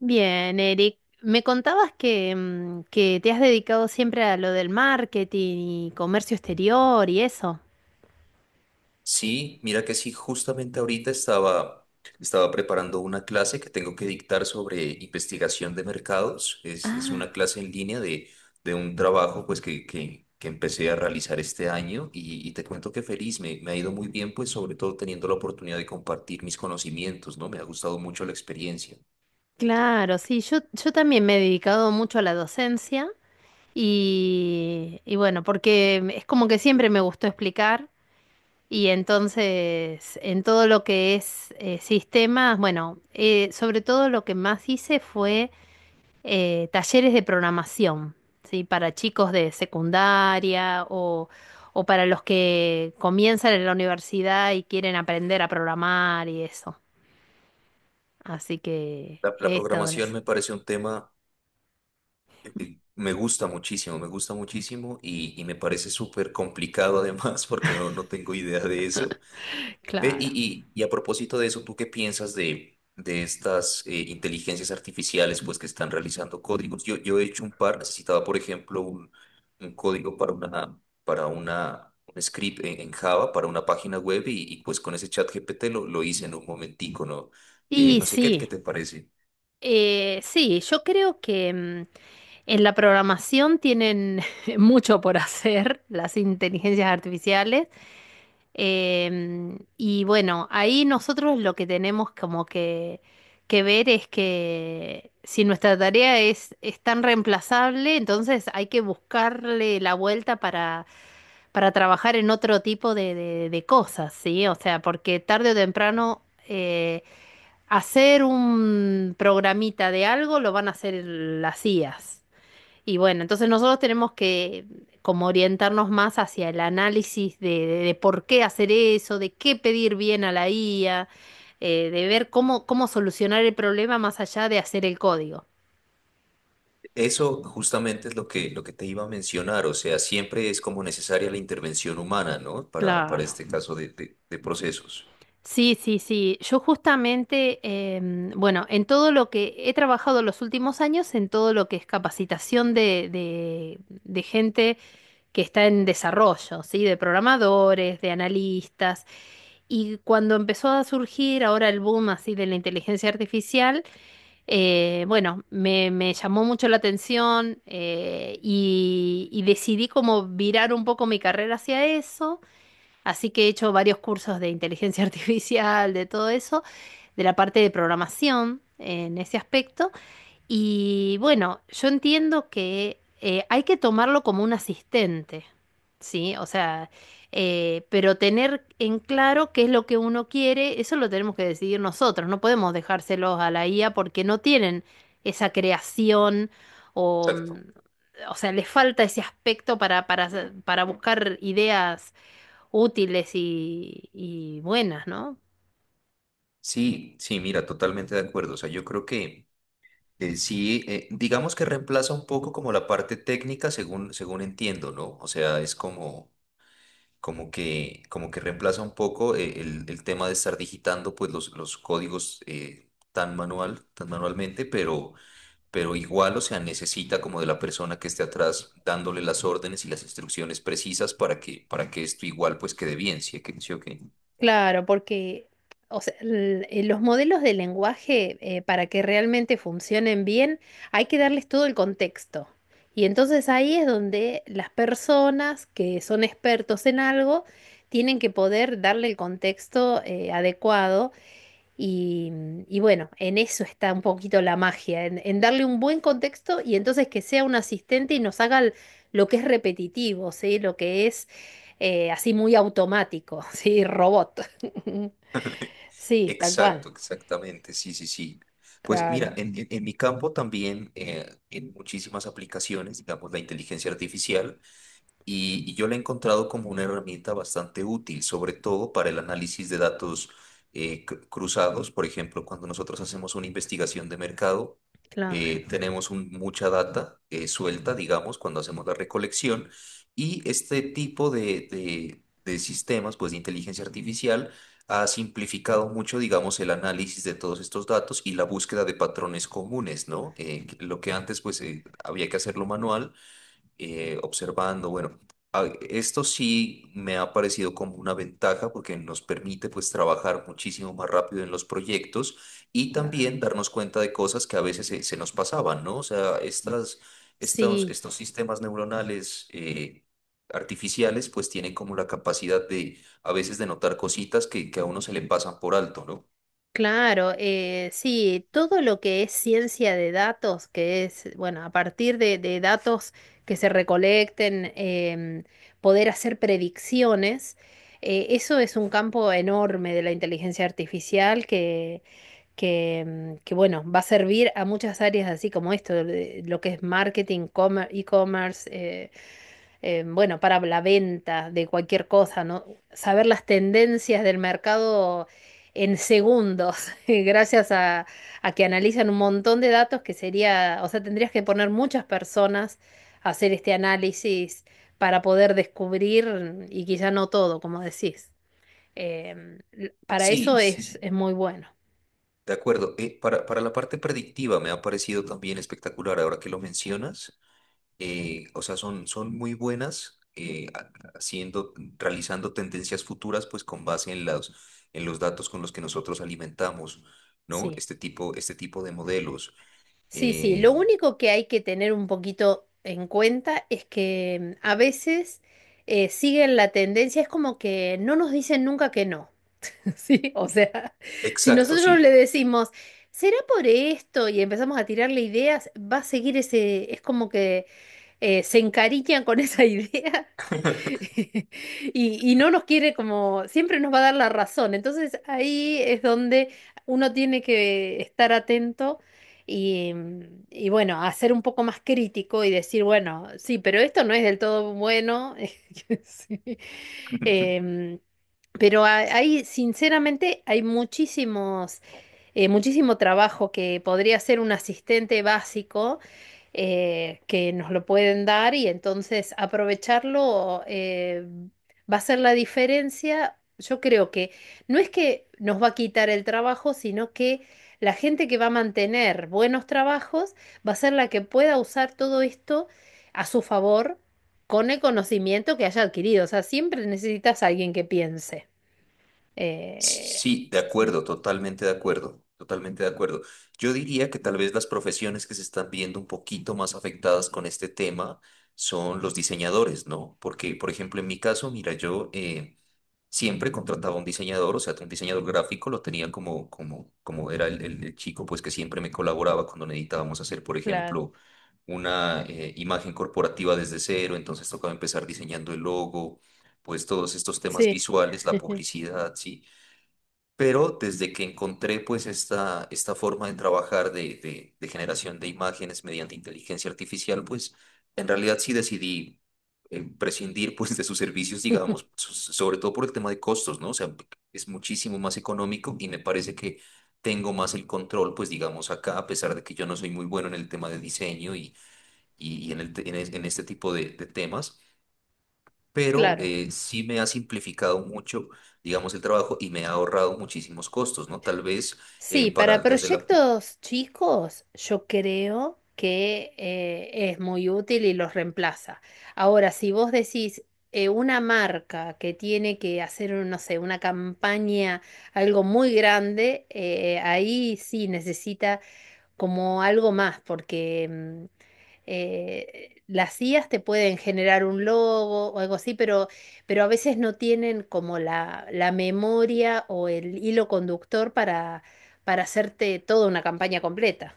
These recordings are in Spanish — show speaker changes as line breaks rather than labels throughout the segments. Bien, Eric, me contabas que, que te has dedicado siempre a lo del marketing y comercio exterior y eso.
Sí, mira que sí, justamente ahorita estaba preparando una clase que tengo que dictar sobre investigación de mercados. Es una
Ah,
clase en línea de un trabajo pues que empecé a realizar este año y te cuento que feliz, me ha ido muy bien pues sobre todo teniendo la oportunidad de compartir mis conocimientos, ¿no? Me ha gustado mucho la experiencia.
claro, sí, yo también me he dedicado mucho a la docencia y bueno, porque es como que siempre me gustó explicar y entonces en todo lo que es sistemas, bueno, sobre todo lo que más hice fue talleres de programación. ¿Sí? Para chicos de secundaria o para los que comienzan en la universidad y quieren aprender a programar y eso. Así que
La
he estado en
programación
eso.
me parece un tema que me gusta muchísimo y me parece súper complicado además porque no tengo idea de eso. Ve, y,
Claro.
y- y a propósito de eso, ¿tú qué piensas de estas inteligencias artificiales pues, que están realizando códigos? Yo he hecho un par, necesitaba, por ejemplo, un código para una, un script en Java, para una página web, y, pues con ese chat GPT lo hice en un momentico, ¿no?
Y
No sé qué, qué
sí,
te parece.
sí, yo creo que en la programación tienen mucho por hacer las inteligencias artificiales. Y bueno, ahí nosotros lo que tenemos como que ver es que si nuestra tarea es tan reemplazable, entonces hay que buscarle la vuelta para trabajar en otro tipo de, de cosas, ¿sí? O sea, porque tarde o temprano eh, hacer un programita de algo lo van a hacer las IAs. Y bueno, entonces nosotros tenemos que como orientarnos más hacia el análisis de, de por qué hacer eso, de qué pedir bien a la IA, de ver cómo, cómo solucionar el problema más allá de hacer el código.
Eso justamente es lo que te iba a mencionar, o sea, siempre es como necesaria la intervención humana, ¿no? Para
Claro.
este caso de procesos.
Sí, sí, sí. Yo justamente, bueno, en todo lo que he trabajado los últimos años, en todo lo que es capacitación de gente que está en desarrollo, ¿sí? De programadores, de analistas. Y cuando empezó a surgir ahora el boom así de la inteligencia artificial, bueno, me llamó mucho la atención y decidí como virar un poco mi carrera hacia eso. Así que he hecho varios cursos de inteligencia artificial, de todo eso, de la parte de programación en ese aspecto. Y bueno, yo entiendo que hay que tomarlo como un asistente, ¿sí? O sea, pero tener en claro qué es lo que uno quiere, eso lo tenemos que decidir nosotros, no podemos dejárselos a la IA porque no tienen esa creación o, mm,
Exacto.
o sea, les falta ese aspecto para, para buscar ideas útiles y buenas, ¿no?
Sí, sí, mira, totalmente de acuerdo. O sea, yo creo que sí, digamos que reemplaza un poco como la parte técnica, según, según entiendo, ¿no? O sea, es como, como que reemplaza un poco el tema de estar digitando pues los códigos tan manual, tan manualmente, pero igual, o sea, necesita como de la persona que esté atrás dándole las órdenes y las instrucciones precisas para que esto igual pues quede bien, ¿sí? ¿o qué? ¿Sí o qué?
Claro, porque o sea, los modelos de lenguaje, para que realmente funcionen bien, hay que darles todo el contexto. Y entonces ahí es donde las personas que son expertos en algo tienen que poder darle el contexto, adecuado y, y bueno, en eso está un poquito la magia, en darle un buen contexto y entonces que sea un asistente y nos haga lo que es repetitivo, ¿sí? Lo que es así muy automático. ¿Sí? Robot. Sí, tal cual.
Exacto, exactamente, sí, sí, sí. Pues mira,
Claro,
en mi campo también, en muchísimas aplicaciones, digamos, la inteligencia artificial y yo la he encontrado como una herramienta bastante útil, sobre todo para el análisis de datos cruzados. Por ejemplo, cuando nosotros hacemos una investigación de mercado,
claro,
tenemos un- mucha data suelta, digamos, cuando hacemos la recolección. Y este tipo de sistemas, pues de inteligencia artificial, ha simplificado mucho, digamos, el análisis de todos estos datos y la búsqueda de patrones comunes, ¿no? Lo que antes, pues, había que hacerlo manual observando, bueno, a- esto sí me ha parecido como una ventaja porque nos permite pues trabajar muchísimo más rápido en los proyectos y
claro.
también darnos cuenta de cosas que a veces se, se nos pasaban, ¿no? O sea, estas, estos,
Sí.
estos sistemas neuronales artificiales pues tienen como la capacidad de a veces de notar cositas que a uno se le pasan por alto, ¿no?
Claro, sí, todo lo que es ciencia de datos, que es, bueno, a partir de datos que se recolecten, poder hacer predicciones, eso es un campo enorme de la inteligencia artificial que bueno, va a servir a muchas áreas así como esto, lo que es marketing, e-commerce, bueno, para la venta de cualquier cosa, ¿no? Saber las tendencias del mercado en segundos, gracias a que analizan un montón de datos que sería, o sea, tendrías que poner muchas personas a hacer este análisis para poder descubrir, y quizá no todo, como decís. Para
Sí,
eso
sí, sí.
es muy bueno,
De acuerdo. Para la parte predictiva me ha parecido también espectacular ahora que lo mencionas. O sea, son, son muy buenas haciendo, realizando tendencias futuras, pues con base en los datos con los que nosotros alimentamos, ¿no?
sí.
Este tipo de modelos.
Sí, sí,
Eh,
lo único que hay que tener un poquito en cuenta es que a veces siguen la tendencia, es como que no nos dicen nunca que no, ¿sí? O sea, si
exacto,
nosotros
sí.
le decimos, será por esto y empezamos a tirarle ideas, va a seguir ese, es como que se encariñan con esa idea y no nos quiere como, siempre nos va a dar la razón. Entonces ahí es donde uno tiene que estar atento y, y bueno, hacer un poco más crítico y decir, bueno, sí, pero esto no es del todo bueno. Sí. Em, hay, sinceramente, hay muchísimos muchísimo trabajo que podría ser un asistente básico que nos lo pueden dar y entonces aprovecharlo va a ser la diferencia. Yo creo que no es que nos va a quitar el trabajo, sino que la gente que va a mantener buenos trabajos va a ser la que pueda usar todo esto a su favor con el conocimiento que haya adquirido. O sea, siempre necesitas a alguien que piense. Eh,
Sí, de
Sí.
acuerdo, totalmente de acuerdo, totalmente de acuerdo. Yo diría que tal vez las profesiones que se están viendo un poquito más afectadas con este tema son los diseñadores, ¿no? Porque, por ejemplo, en mi caso, mira, yo... siempre contrataba un diseñador, o sea, un diseñador gráfico lo tenía como, como, como era el chico, pues que siempre me colaboraba cuando necesitábamos hacer, por ejemplo, una imagen corporativa desde cero, entonces tocaba empezar diseñando el logo, pues todos estos temas
Sí,
visuales, la publicidad, sí. Pero desde que encontré pues esta forma de trabajar de generación de imágenes mediante inteligencia artificial, pues en realidad sí decidí prescindir pues de sus servicios, digamos, so- sobre todo por el tema de costos, ¿no? O sea, es muchísimo más económico y me parece que tengo más el control, pues digamos acá, a pesar de que yo no soy muy bueno en el tema de diseño y en el, te- en es- en este tipo de temas pero
claro.
sí me ha simplificado mucho, digamos, el trabajo y me ha ahorrado muchísimos costos, ¿no? Tal vez
Sí,
para
para
desde la
proyectos chicos yo creo que es muy útil y los reemplaza. Ahora, si vos decís una marca que tiene que hacer, no sé, una campaña, algo muy grande, ahí sí necesita como algo más, porque las IAs te pueden generar un logo o algo así, pero a veces no tienen como la memoria o el hilo conductor para hacerte toda una campaña completa.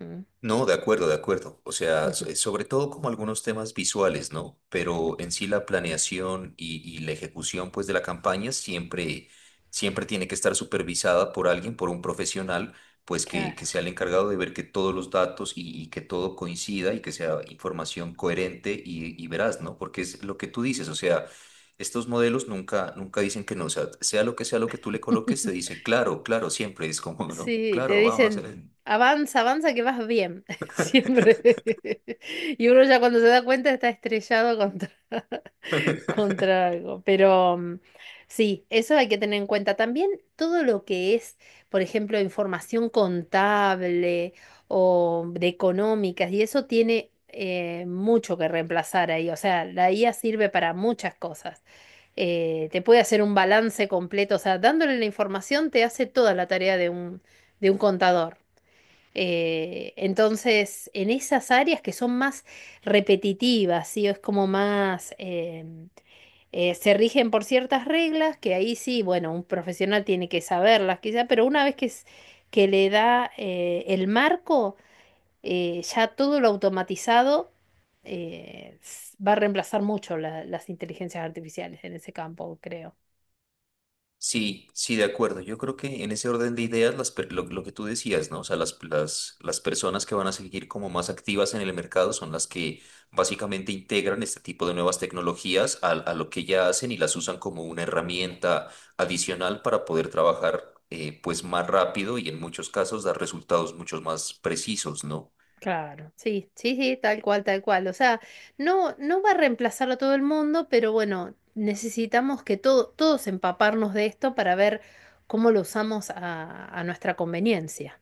Mm.
no, de acuerdo, de acuerdo. O sea, so-
Ujú.
sobre todo como algunos temas visuales, ¿no? Pero en sí la planeación y la ejecución, pues, de la campaña siempre, siempre tiene que estar supervisada por alguien, por un profesional, pues, que
Claro.
sea el encargado de ver que todos los datos y que todo coincida y que sea información coherente y veraz, ¿no? Porque es lo que tú dices, o sea, estos modelos nunca, nunca dicen que no, o sea, sea lo que tú le coloques, te dice, claro, claro, siempre es como, ¿no?
Sí, te
Claro, vamos a
dicen,
hacer.
avanza, avanza, que vas bien, siempre. Y uno ya cuando se da cuenta está estrellado contra, contra algo. Pero sí, eso hay que tener en cuenta. También todo lo que es, por ejemplo, información contable o de económicas, y eso tiene mucho que reemplazar ahí. O sea, la IA sirve para muchas cosas. Te puede hacer un balance completo, o sea, dándole la información te hace toda la tarea de un contador. Entonces, en esas áreas que son más repetitivas, ¿sí? O es como más... se rigen por ciertas reglas que ahí sí, bueno, un profesional tiene que saberlas quizá, pero una vez que le da el marco, ya todo lo automatizado va a reemplazar mucho las inteligencias artificiales en ese campo, creo.
Sí, sí, de acuerdo. Yo creo que en ese orden de ideas, las, per- lo que tú decías, ¿no? O sea, las personas que van a seguir como más activas en el mercado son las que básicamente integran este tipo de nuevas tecnologías a lo que ya hacen y las usan como una herramienta adicional para poder trabajar pues más rápido y en muchos casos dar resultados mucho más precisos, ¿no?
Claro. Sí, sí, sí, tal cual, tal cual. O sea, no, no va a reemplazar a todo el mundo, pero bueno, necesitamos que todos empaparnos de esto para ver cómo lo usamos a nuestra conveniencia.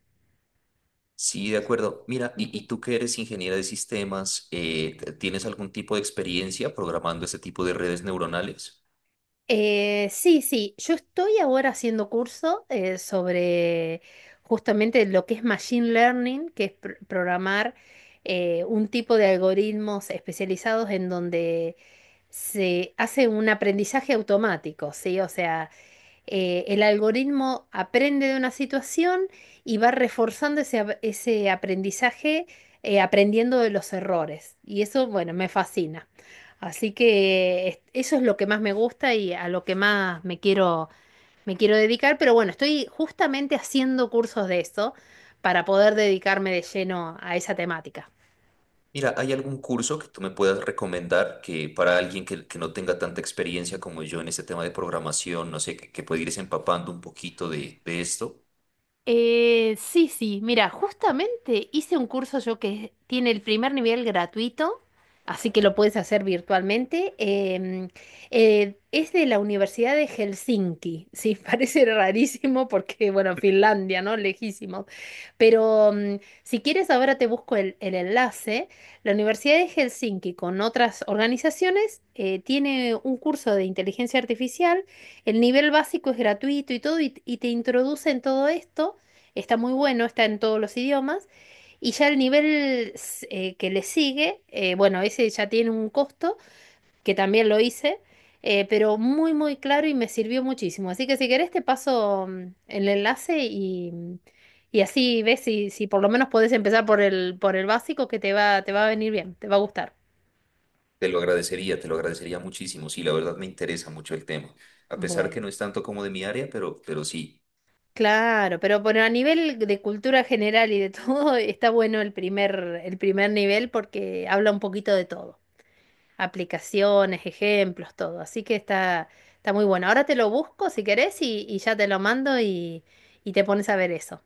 Sí, de
Sí.
acuerdo. Mira, y tú que eres ingeniera de sistemas, ¿tienes algún tipo de experiencia programando este tipo de redes neuronales?
Sí, sí, yo estoy ahora haciendo curso sobre justamente lo que es Machine Learning, que es programar un tipo de algoritmos especializados en donde se hace un aprendizaje automático, ¿sí? O sea, el algoritmo aprende de una situación y va reforzando ese, ese aprendizaje aprendiendo de los errores. Y eso, bueno, me fascina. Así que eso es lo que más me gusta y a lo que más me quiero dedicar. Pero bueno, estoy justamente haciendo cursos de eso para poder dedicarme de lleno a esa temática.
Mira, ¿hay algún curso que tú me puedas recomendar que para alguien que no tenga tanta experiencia como yo en este tema de programación, no sé, que pueda irse empapando un poquito de esto?
Sí, sí, mira, justamente hice un curso yo que tiene el primer nivel gratuito, así que lo puedes hacer virtualmente. Es de la Universidad de Helsinki, sí, parece rarísimo porque, bueno, Finlandia, ¿no? Lejísimo. Pero si quieres, ahora te busco el enlace. La Universidad de Helsinki con otras organizaciones tiene un curso de inteligencia artificial. El nivel básico es gratuito y todo, y te introduce en todo esto. Está muy bueno, está en todos los idiomas. Y ya el nivel que le sigue, bueno, ese ya tiene un costo, que también lo hice, pero muy, muy claro y me sirvió muchísimo. Así que si querés te paso el enlace y así ves si, si por lo menos podés empezar por el básico que te va a venir bien, te va a gustar.
Te lo agradecería muchísimo. Sí, la verdad me interesa mucho el tema. A pesar que no
Bueno,
es tanto como de mi área, pero sí,
claro, pero bueno, a nivel de cultura general y de todo, está bueno el primer nivel porque habla un poquito de todo, aplicaciones, ejemplos, todo. Así que está, está muy bueno. Ahora te lo busco si querés y ya te lo mando y te pones a ver eso.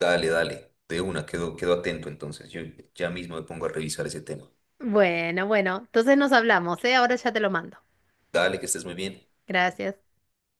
dale, dale. De una, quedo, quedo atento entonces. Yo ya mismo me pongo a revisar ese tema.
Bueno, bueno, entonces nos hablamos, ¿eh? Ahora ya te lo mando.
Dale, que estés muy bien.
Gracias.